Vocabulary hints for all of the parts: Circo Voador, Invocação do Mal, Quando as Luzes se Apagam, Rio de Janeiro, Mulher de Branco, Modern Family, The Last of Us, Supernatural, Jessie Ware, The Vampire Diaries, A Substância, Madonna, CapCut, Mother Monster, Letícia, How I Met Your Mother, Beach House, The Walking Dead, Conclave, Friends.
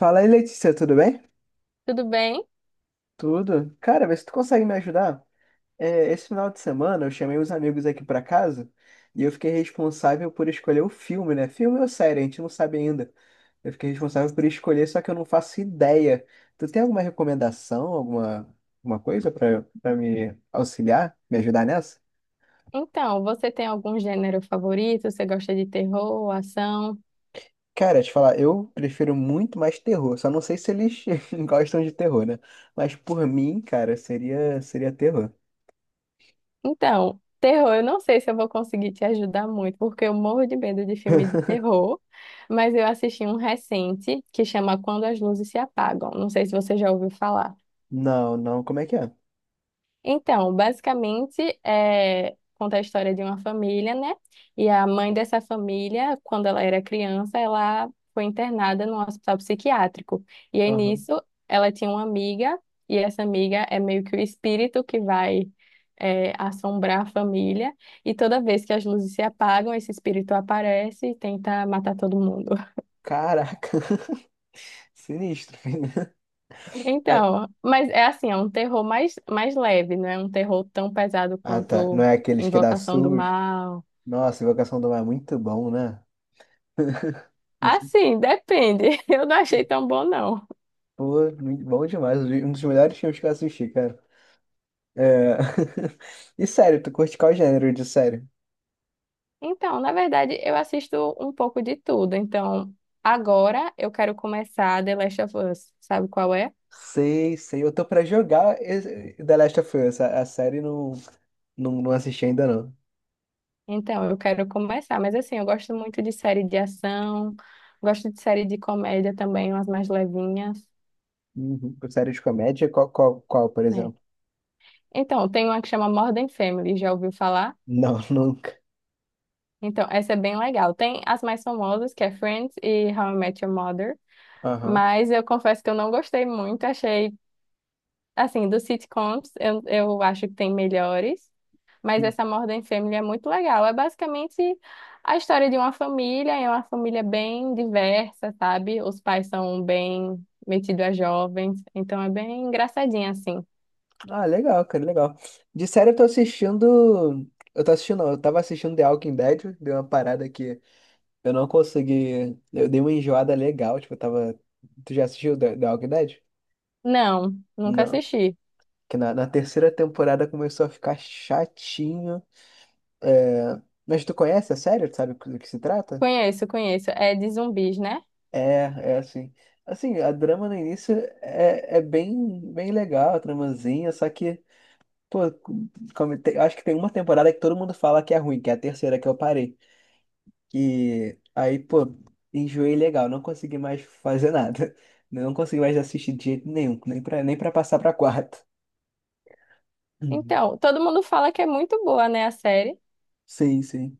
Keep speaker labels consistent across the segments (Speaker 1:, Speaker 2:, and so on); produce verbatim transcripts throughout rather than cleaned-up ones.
Speaker 1: Fala aí, Letícia, tudo bem?
Speaker 2: Tudo bem?
Speaker 1: Tudo. Cara, vê se tu consegue me ajudar. É, esse final de semana eu chamei os amigos aqui pra casa e eu fiquei responsável por escolher o filme, né? Filme ou série, a gente não sabe ainda. Eu fiquei responsável por escolher, só que eu não faço ideia. Tu tem alguma recomendação, alguma, alguma coisa pra para me auxiliar, me ajudar nessa?
Speaker 2: Então, você tem algum gênero favorito? Você gosta de terror, ação?
Speaker 1: Cara, te falar, eu prefiro muito mais terror. Só não sei se eles gostam de terror, né? Mas por mim, cara, seria seria terror.
Speaker 2: Então, terror, eu não sei se eu vou conseguir te ajudar muito, porque eu morro de medo de filme de terror, mas eu assisti um recente que chama Quando as Luzes se Apagam. Não sei se você já ouviu falar.
Speaker 1: Não, não, como é que é?
Speaker 2: Então, basicamente, é, conta a história de uma família, né? E a mãe dessa família, quando ela era criança, ela foi internada num hospital psiquiátrico. E aí,
Speaker 1: Aham.
Speaker 2: nisso, ela tinha uma amiga, e essa amiga é meio que o espírito que vai, é, assombrar a família. E toda vez que as luzes se apagam, esse espírito aparece e tenta matar todo mundo.
Speaker 1: Caraca, sinistro, filho. É.
Speaker 2: Então, mas é assim, é um terror mais, mais leve, não é um terror tão pesado
Speaker 1: Ah, tá. Não
Speaker 2: quanto
Speaker 1: é aqueles que dá
Speaker 2: Invocação do
Speaker 1: SUS.
Speaker 2: Mal.
Speaker 1: Nossa, Invocação do Mar é muito bom, né? Não sei.
Speaker 2: Assim, depende. Eu não achei tão bom, não.
Speaker 1: Pô, muito bom demais. Um dos melhores filmes que eu assisti, cara. É... E sério, tu curte qual gênero de série?
Speaker 2: Então, na verdade, eu assisto um pouco de tudo. Então, agora eu quero começar The Last of Us. Sabe qual é?
Speaker 1: Sei, sei. Eu tô pra jogar esse- The Last of Us. A, a série não, não, não assisti ainda, não.
Speaker 2: Então, eu quero começar. Mas, assim, eu gosto muito de série de ação, gosto de série de comédia também, umas mais levinhas,
Speaker 1: Uhum. Série de comédia? Qual, qual, qual, por
Speaker 2: né?
Speaker 1: exemplo?
Speaker 2: Então, tem uma que chama Modern Family, já ouviu falar?
Speaker 1: Não, nunca.
Speaker 2: Então, essa é bem legal. Tem as mais famosas, que é Friends e How I Met Your Mother.
Speaker 1: Aham.
Speaker 2: Mas eu confesso que eu não gostei muito, achei. Assim, dos sitcoms, eu, eu acho que tem melhores, mas essa Modern Family é muito legal. É basicamente a história de uma família, é uma família bem diversa, sabe? Os pais são bem metidos a jovens, então é bem engraçadinha assim.
Speaker 1: Ah, legal, cara, legal. De série eu tô assistindo. Eu tô assistindo, não, eu tava assistindo The Walking Dead, deu uma parada que eu não consegui. Eu dei uma enjoada legal, tipo, eu tava. Tu já assistiu The, The Walking Dead?
Speaker 2: Não, nunca
Speaker 1: Não.
Speaker 2: assisti.
Speaker 1: Que na, na terceira temporada começou a ficar chatinho. É... Mas tu conhece a série? Tu sabe do que se trata?
Speaker 2: Conheço, conheço. É de zumbis, né?
Speaker 1: É, é assim. Assim, a drama no início é, é bem, bem legal, a tramazinha, só que. Pô, como tem- eu acho que tem uma temporada que todo mundo fala que é ruim, que é a terceira que eu parei. Que aí, pô, enjoei legal, não consegui mais fazer nada. Não consegui mais assistir de jeito nenhum, nem pra, nem pra passar pra quarta. Uhum.
Speaker 2: Então, todo mundo fala que é muito boa, né, a série.
Speaker 1: Sim, sim.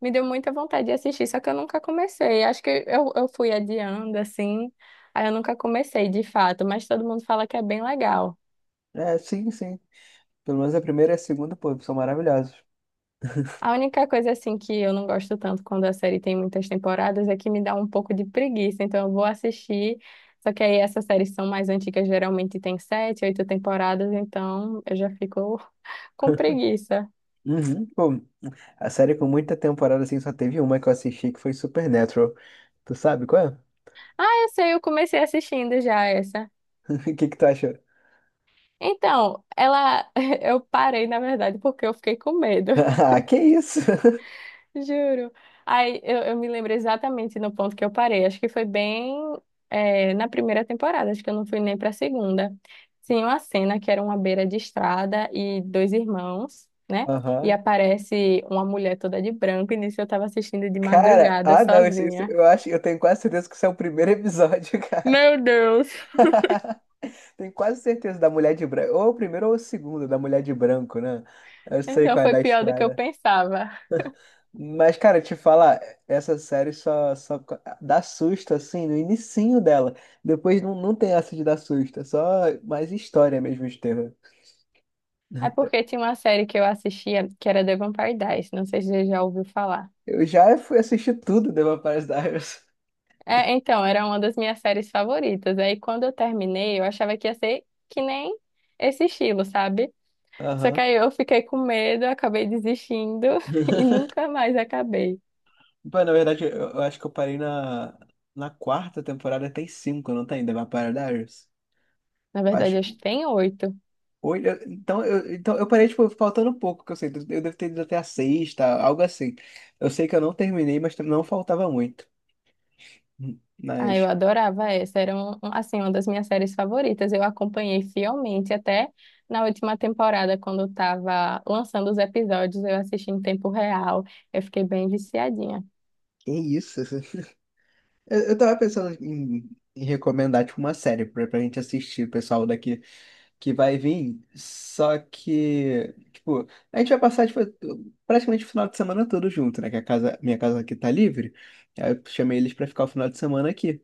Speaker 2: Me deu muita vontade de assistir, só que eu nunca comecei. Acho que eu, eu fui adiando, assim. Aí eu nunca comecei, de fato, mas todo mundo fala que é bem legal.
Speaker 1: É, sim, sim. Pelo menos a primeira e a segunda, pô, são maravilhosos.
Speaker 2: A única coisa, assim, que eu não gosto tanto quando a série tem muitas temporadas é que me dá um pouco de preguiça. Então eu vou assistir, só que aí essas séries são mais antigas, geralmente tem sete, oito temporadas, então eu já fico com preguiça.
Speaker 1: Uhum. Pô, a série com muita temporada, assim, só teve uma que eu assisti que foi Supernatural. Tu sabe qual é?
Speaker 2: Essa eu comecei assistindo já, essa.
Speaker 1: O que que tu achou?
Speaker 2: Então, ela, eu parei, na verdade, porque eu fiquei com medo.
Speaker 1: Ah, que isso?
Speaker 2: Juro. Aí eu, eu me lembro exatamente no ponto que eu parei. Acho que foi bem é, na primeira temporada, acho que eu não fui nem para a segunda. Tinha uma cena que era uma beira de estrada e dois irmãos, né? E
Speaker 1: Aham.
Speaker 2: aparece uma mulher toda de branco, e nisso eu estava assistindo de
Speaker 1: Cara,
Speaker 2: madrugada
Speaker 1: ah não, isso, isso-
Speaker 2: sozinha.
Speaker 1: eu acho, eu tenho quase certeza que isso é o primeiro episódio, cara.
Speaker 2: Meu Deus!
Speaker 1: Tenho quase certeza da Mulher de Branco, ou o primeiro ou o segundo da Mulher de Branco, né? Eu sei
Speaker 2: Então
Speaker 1: qual é
Speaker 2: foi
Speaker 1: da
Speaker 2: pior do que eu
Speaker 1: estrada.
Speaker 2: pensava.
Speaker 1: Mas, cara, te falar, essa série só, só dá susto, assim, no inicinho dela. Depois não, não tem essa de dar susto, é só mais história mesmo de terror.
Speaker 2: É porque tinha uma série que eu assistia que era The Vampire Diaries, não sei se você já ouviu falar.
Speaker 1: Eu já fui assistir tudo do Vampires Diaries.
Speaker 2: É, então, era uma das minhas séries favoritas. Aí quando eu terminei, eu achava que ia ser que nem esse estilo, sabe? Só que
Speaker 1: Aham.
Speaker 2: aí eu fiquei com medo, acabei desistindo e nunca mais acabei.
Speaker 1: Pô, na verdade, eu, eu acho que eu parei na, na quarta temporada, tem cinco, não tem? The Vampire Diaries?
Speaker 2: Na
Speaker 1: Eu
Speaker 2: verdade,
Speaker 1: acho.
Speaker 2: acho que tem oito.
Speaker 1: Oito eu- então, eu, então, eu parei, tipo, faltando pouco, que eu sei. Eu devo ter ido até a sexta, algo assim. Eu sei que eu não terminei, mas não faltava muito.
Speaker 2: Ah, eu
Speaker 1: Mas,
Speaker 2: adorava essa. Era, um, um- assim, uma das minhas séries favoritas. Eu acompanhei fielmente até na última temporada, quando estava lançando os episódios, eu assisti em tempo real. Eu fiquei bem viciadinha.
Speaker 1: que isso? Eu, eu tava pensando em, em recomendar, tipo, uma série pra, pra gente assistir, pessoal daqui. Que vai vir, só que, tipo, a gente vai passar tipo, praticamente o final de semana todo junto, né? Que a casa, minha casa aqui tá livre. Aí eu chamei eles pra ficar o final de semana aqui.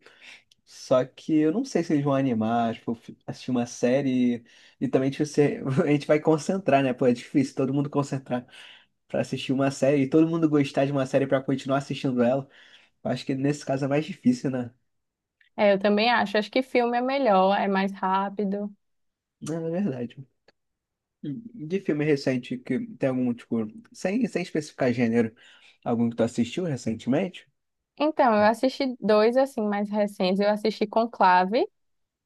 Speaker 1: Só que eu não sei se eles vão animar, tipo, fi- assistir uma série e, também tipo, se- a gente vai concentrar, né? Pô, é difícil todo mundo concentrar pra assistir uma série e todo mundo gostar de uma série pra continuar assistindo ela. Eu acho que nesse caso é mais difícil, né?
Speaker 2: É, eu também acho. Acho que filme é melhor, é mais rápido.
Speaker 1: Não, é verdade. De filme recente que tem algum, tipo, sem, sem especificar gênero, algum que tu assistiu recentemente?
Speaker 2: Então, eu assisti dois assim mais recentes. Eu assisti Conclave,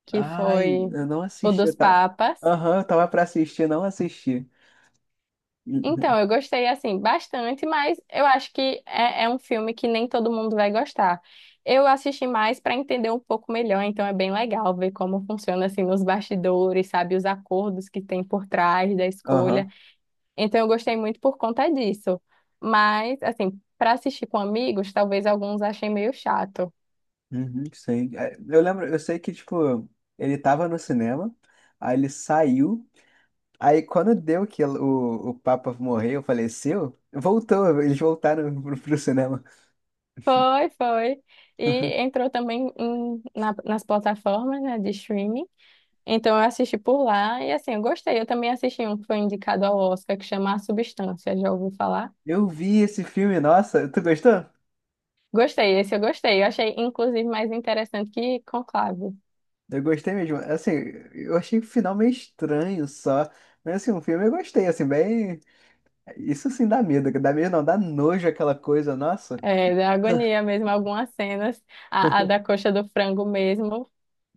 Speaker 2: que
Speaker 1: Ai,
Speaker 2: foi
Speaker 1: eu não
Speaker 2: o
Speaker 1: assisti, eu
Speaker 2: dos
Speaker 1: tava.
Speaker 2: Papas.
Speaker 1: Aham, eu tava pra assistir, não assisti. Uhum,
Speaker 2: Então, eu gostei assim bastante, mas eu acho que é, é um filme que nem todo mundo vai gostar. Eu assisti mais para entender um pouco melhor, então é bem legal ver como funciona assim nos bastidores, sabe, os acordos que tem por trás da escolha.
Speaker 1: aham,
Speaker 2: Então, eu gostei muito por conta disso. Mas, assim, para assistir com amigos, talvez alguns achem meio chato.
Speaker 1: uhum, sei. É, eu lembro, eu sei que, tipo, ele tava no cinema, aí ele saiu, aí quando deu que o, o Papa morreu, faleceu, voltou, eles voltaram pro, pro cinema.
Speaker 2: Foi, foi. E entrou também em- na- nas plataformas, né, de streaming. Então eu assisti por lá e assim, eu gostei. Eu também assisti um que foi indicado ao Oscar, que chama A Substância, já ouviu falar?
Speaker 1: Eu vi esse filme, nossa, tu gostou?
Speaker 2: Gostei, esse eu gostei. Eu achei, inclusive, mais interessante que Conclave.
Speaker 1: Eu gostei mesmo. Assim, eu achei o final meio estranho só. Mas assim, o filme eu gostei, assim, bem. Isso sim dá medo. Dá medo não, dá nojo aquela coisa, nossa.
Speaker 2: É, da agonia mesmo, algumas cenas. A, a da coxa do frango mesmo.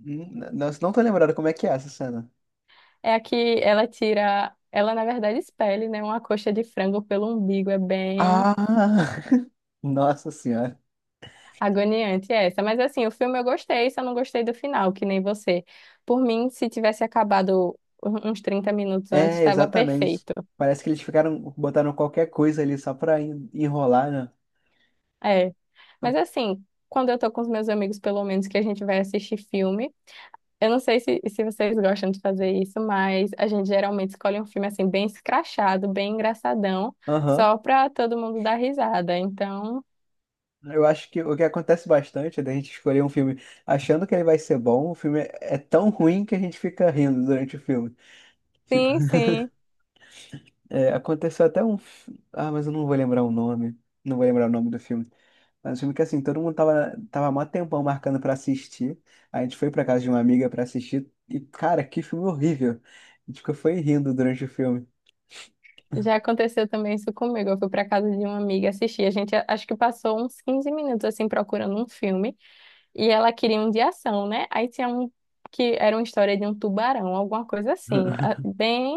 Speaker 1: N- Nossa, não tô lembrado como é que é essa cena.
Speaker 2: É a que ela tira... Ela, na verdade, espelha, né, uma coxa de frango pelo umbigo. É bem...
Speaker 1: Ah! Nossa senhora.
Speaker 2: Agoniante essa, mas assim, o filme eu gostei, só não gostei do final, que nem você. Por mim, se tivesse acabado um- uns trinta minutos antes,
Speaker 1: É,
Speaker 2: estava
Speaker 1: exatamente.
Speaker 2: perfeito.
Speaker 1: Parece que eles ficaram, botaram qualquer coisa ali só pra en- enrolar, né?
Speaker 2: É. Mas assim, quando eu tô com os meus amigos, pelo menos que a gente vai assistir filme, eu não sei se, se vocês gostam de fazer isso, mas a gente geralmente escolhe um filme assim, bem escrachado, bem engraçadão,
Speaker 1: Aham.
Speaker 2: só pra todo mundo dar risada. Então,
Speaker 1: Eu acho que o que acontece bastante é da gente escolher um filme achando que ele vai ser bom, o filme é é tão ruim que a gente fica rindo durante o filme.
Speaker 2: sim, sim,
Speaker 1: É, aconteceu até um. fi- Ah, mas eu não vou lembrar o nome. Não vou lembrar o nome do filme. Mas o filme que assim, todo mundo tava, tava mó tempão marcando pra assistir. Aí a gente foi pra casa de uma amiga pra assistir. E, cara, que filme horrível. A gente ficou foi rindo durante o filme.
Speaker 2: já aconteceu também isso comigo. Eu fui para casa de uma amiga assistir. A gente a- acho que passou uns quinze minutos assim procurando um filme e ela queria um de ação, né? Aí tinha um que era uma história de um tubarão, alguma coisa assim, a- bem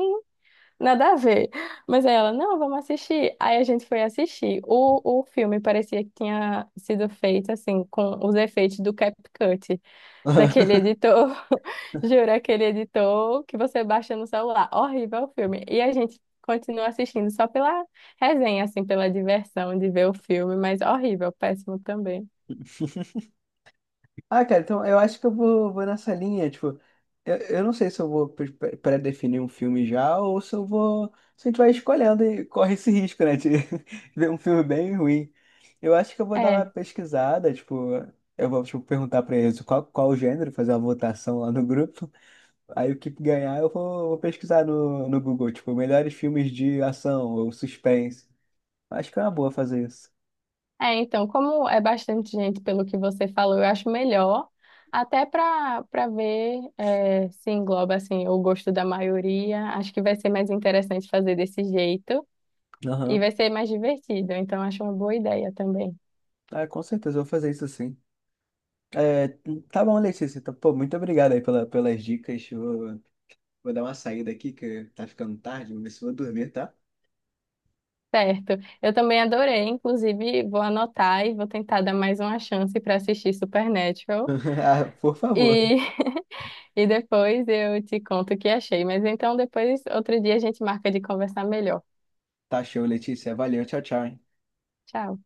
Speaker 2: nada a ver. Mas aí ela, não, vamos assistir. Aí a gente foi assistir. O, o filme parecia que tinha sido feito assim com os efeitos do CapCut daquele editor, juro, aquele editor que você baixa no celular. Horrível o filme. E a gente continua assistindo só pela resenha, assim, pela diversão de ver o filme, mas horrível, péssimo também.
Speaker 1: Ah, cara, então eu acho que eu vou, vou nessa linha, tipo, eu, eu não sei se eu vou pre- pre- pré-definir um filme já ou se eu vou, se a gente vai escolhendo e corre esse risco, né, de ver um filme bem ruim. Eu acho que eu vou dar uma
Speaker 2: É,
Speaker 1: pesquisada, tipo, eu vou, tipo, perguntar pra eles qual, qual o gênero, fazer uma votação lá no grupo, aí o que ganhar eu vou, vou pesquisar no, no Google, tipo, melhores filmes de ação ou suspense. Acho que é uma boa fazer isso.
Speaker 2: é, então, como é bastante gente, pelo que você falou, eu acho melhor, até para para ver é, se engloba, assim, o gosto da maioria. Acho que vai ser mais interessante fazer desse jeito e
Speaker 1: Aham,
Speaker 2: vai ser mais divertido, então acho uma boa ideia também.
Speaker 1: ah, com certeza eu vou fazer isso sim. É, tá bom, Letícia. Então, pô, muito obrigado aí pela, pelas dicas. Vou, vou dar uma saída aqui, que tá ficando tarde. Vou ver se vou dormir, tá?
Speaker 2: Certo. Eu também adorei, inclusive vou anotar e vou tentar dar mais uma chance para assistir Supernatural.
Speaker 1: Ah, por favor.
Speaker 2: E, e depois eu te conto o que achei. Mas então depois, outro dia, a gente marca de conversar melhor.
Speaker 1: Tá show, Letícia. Valeu, tchau, tchau, hein?
Speaker 2: Tchau.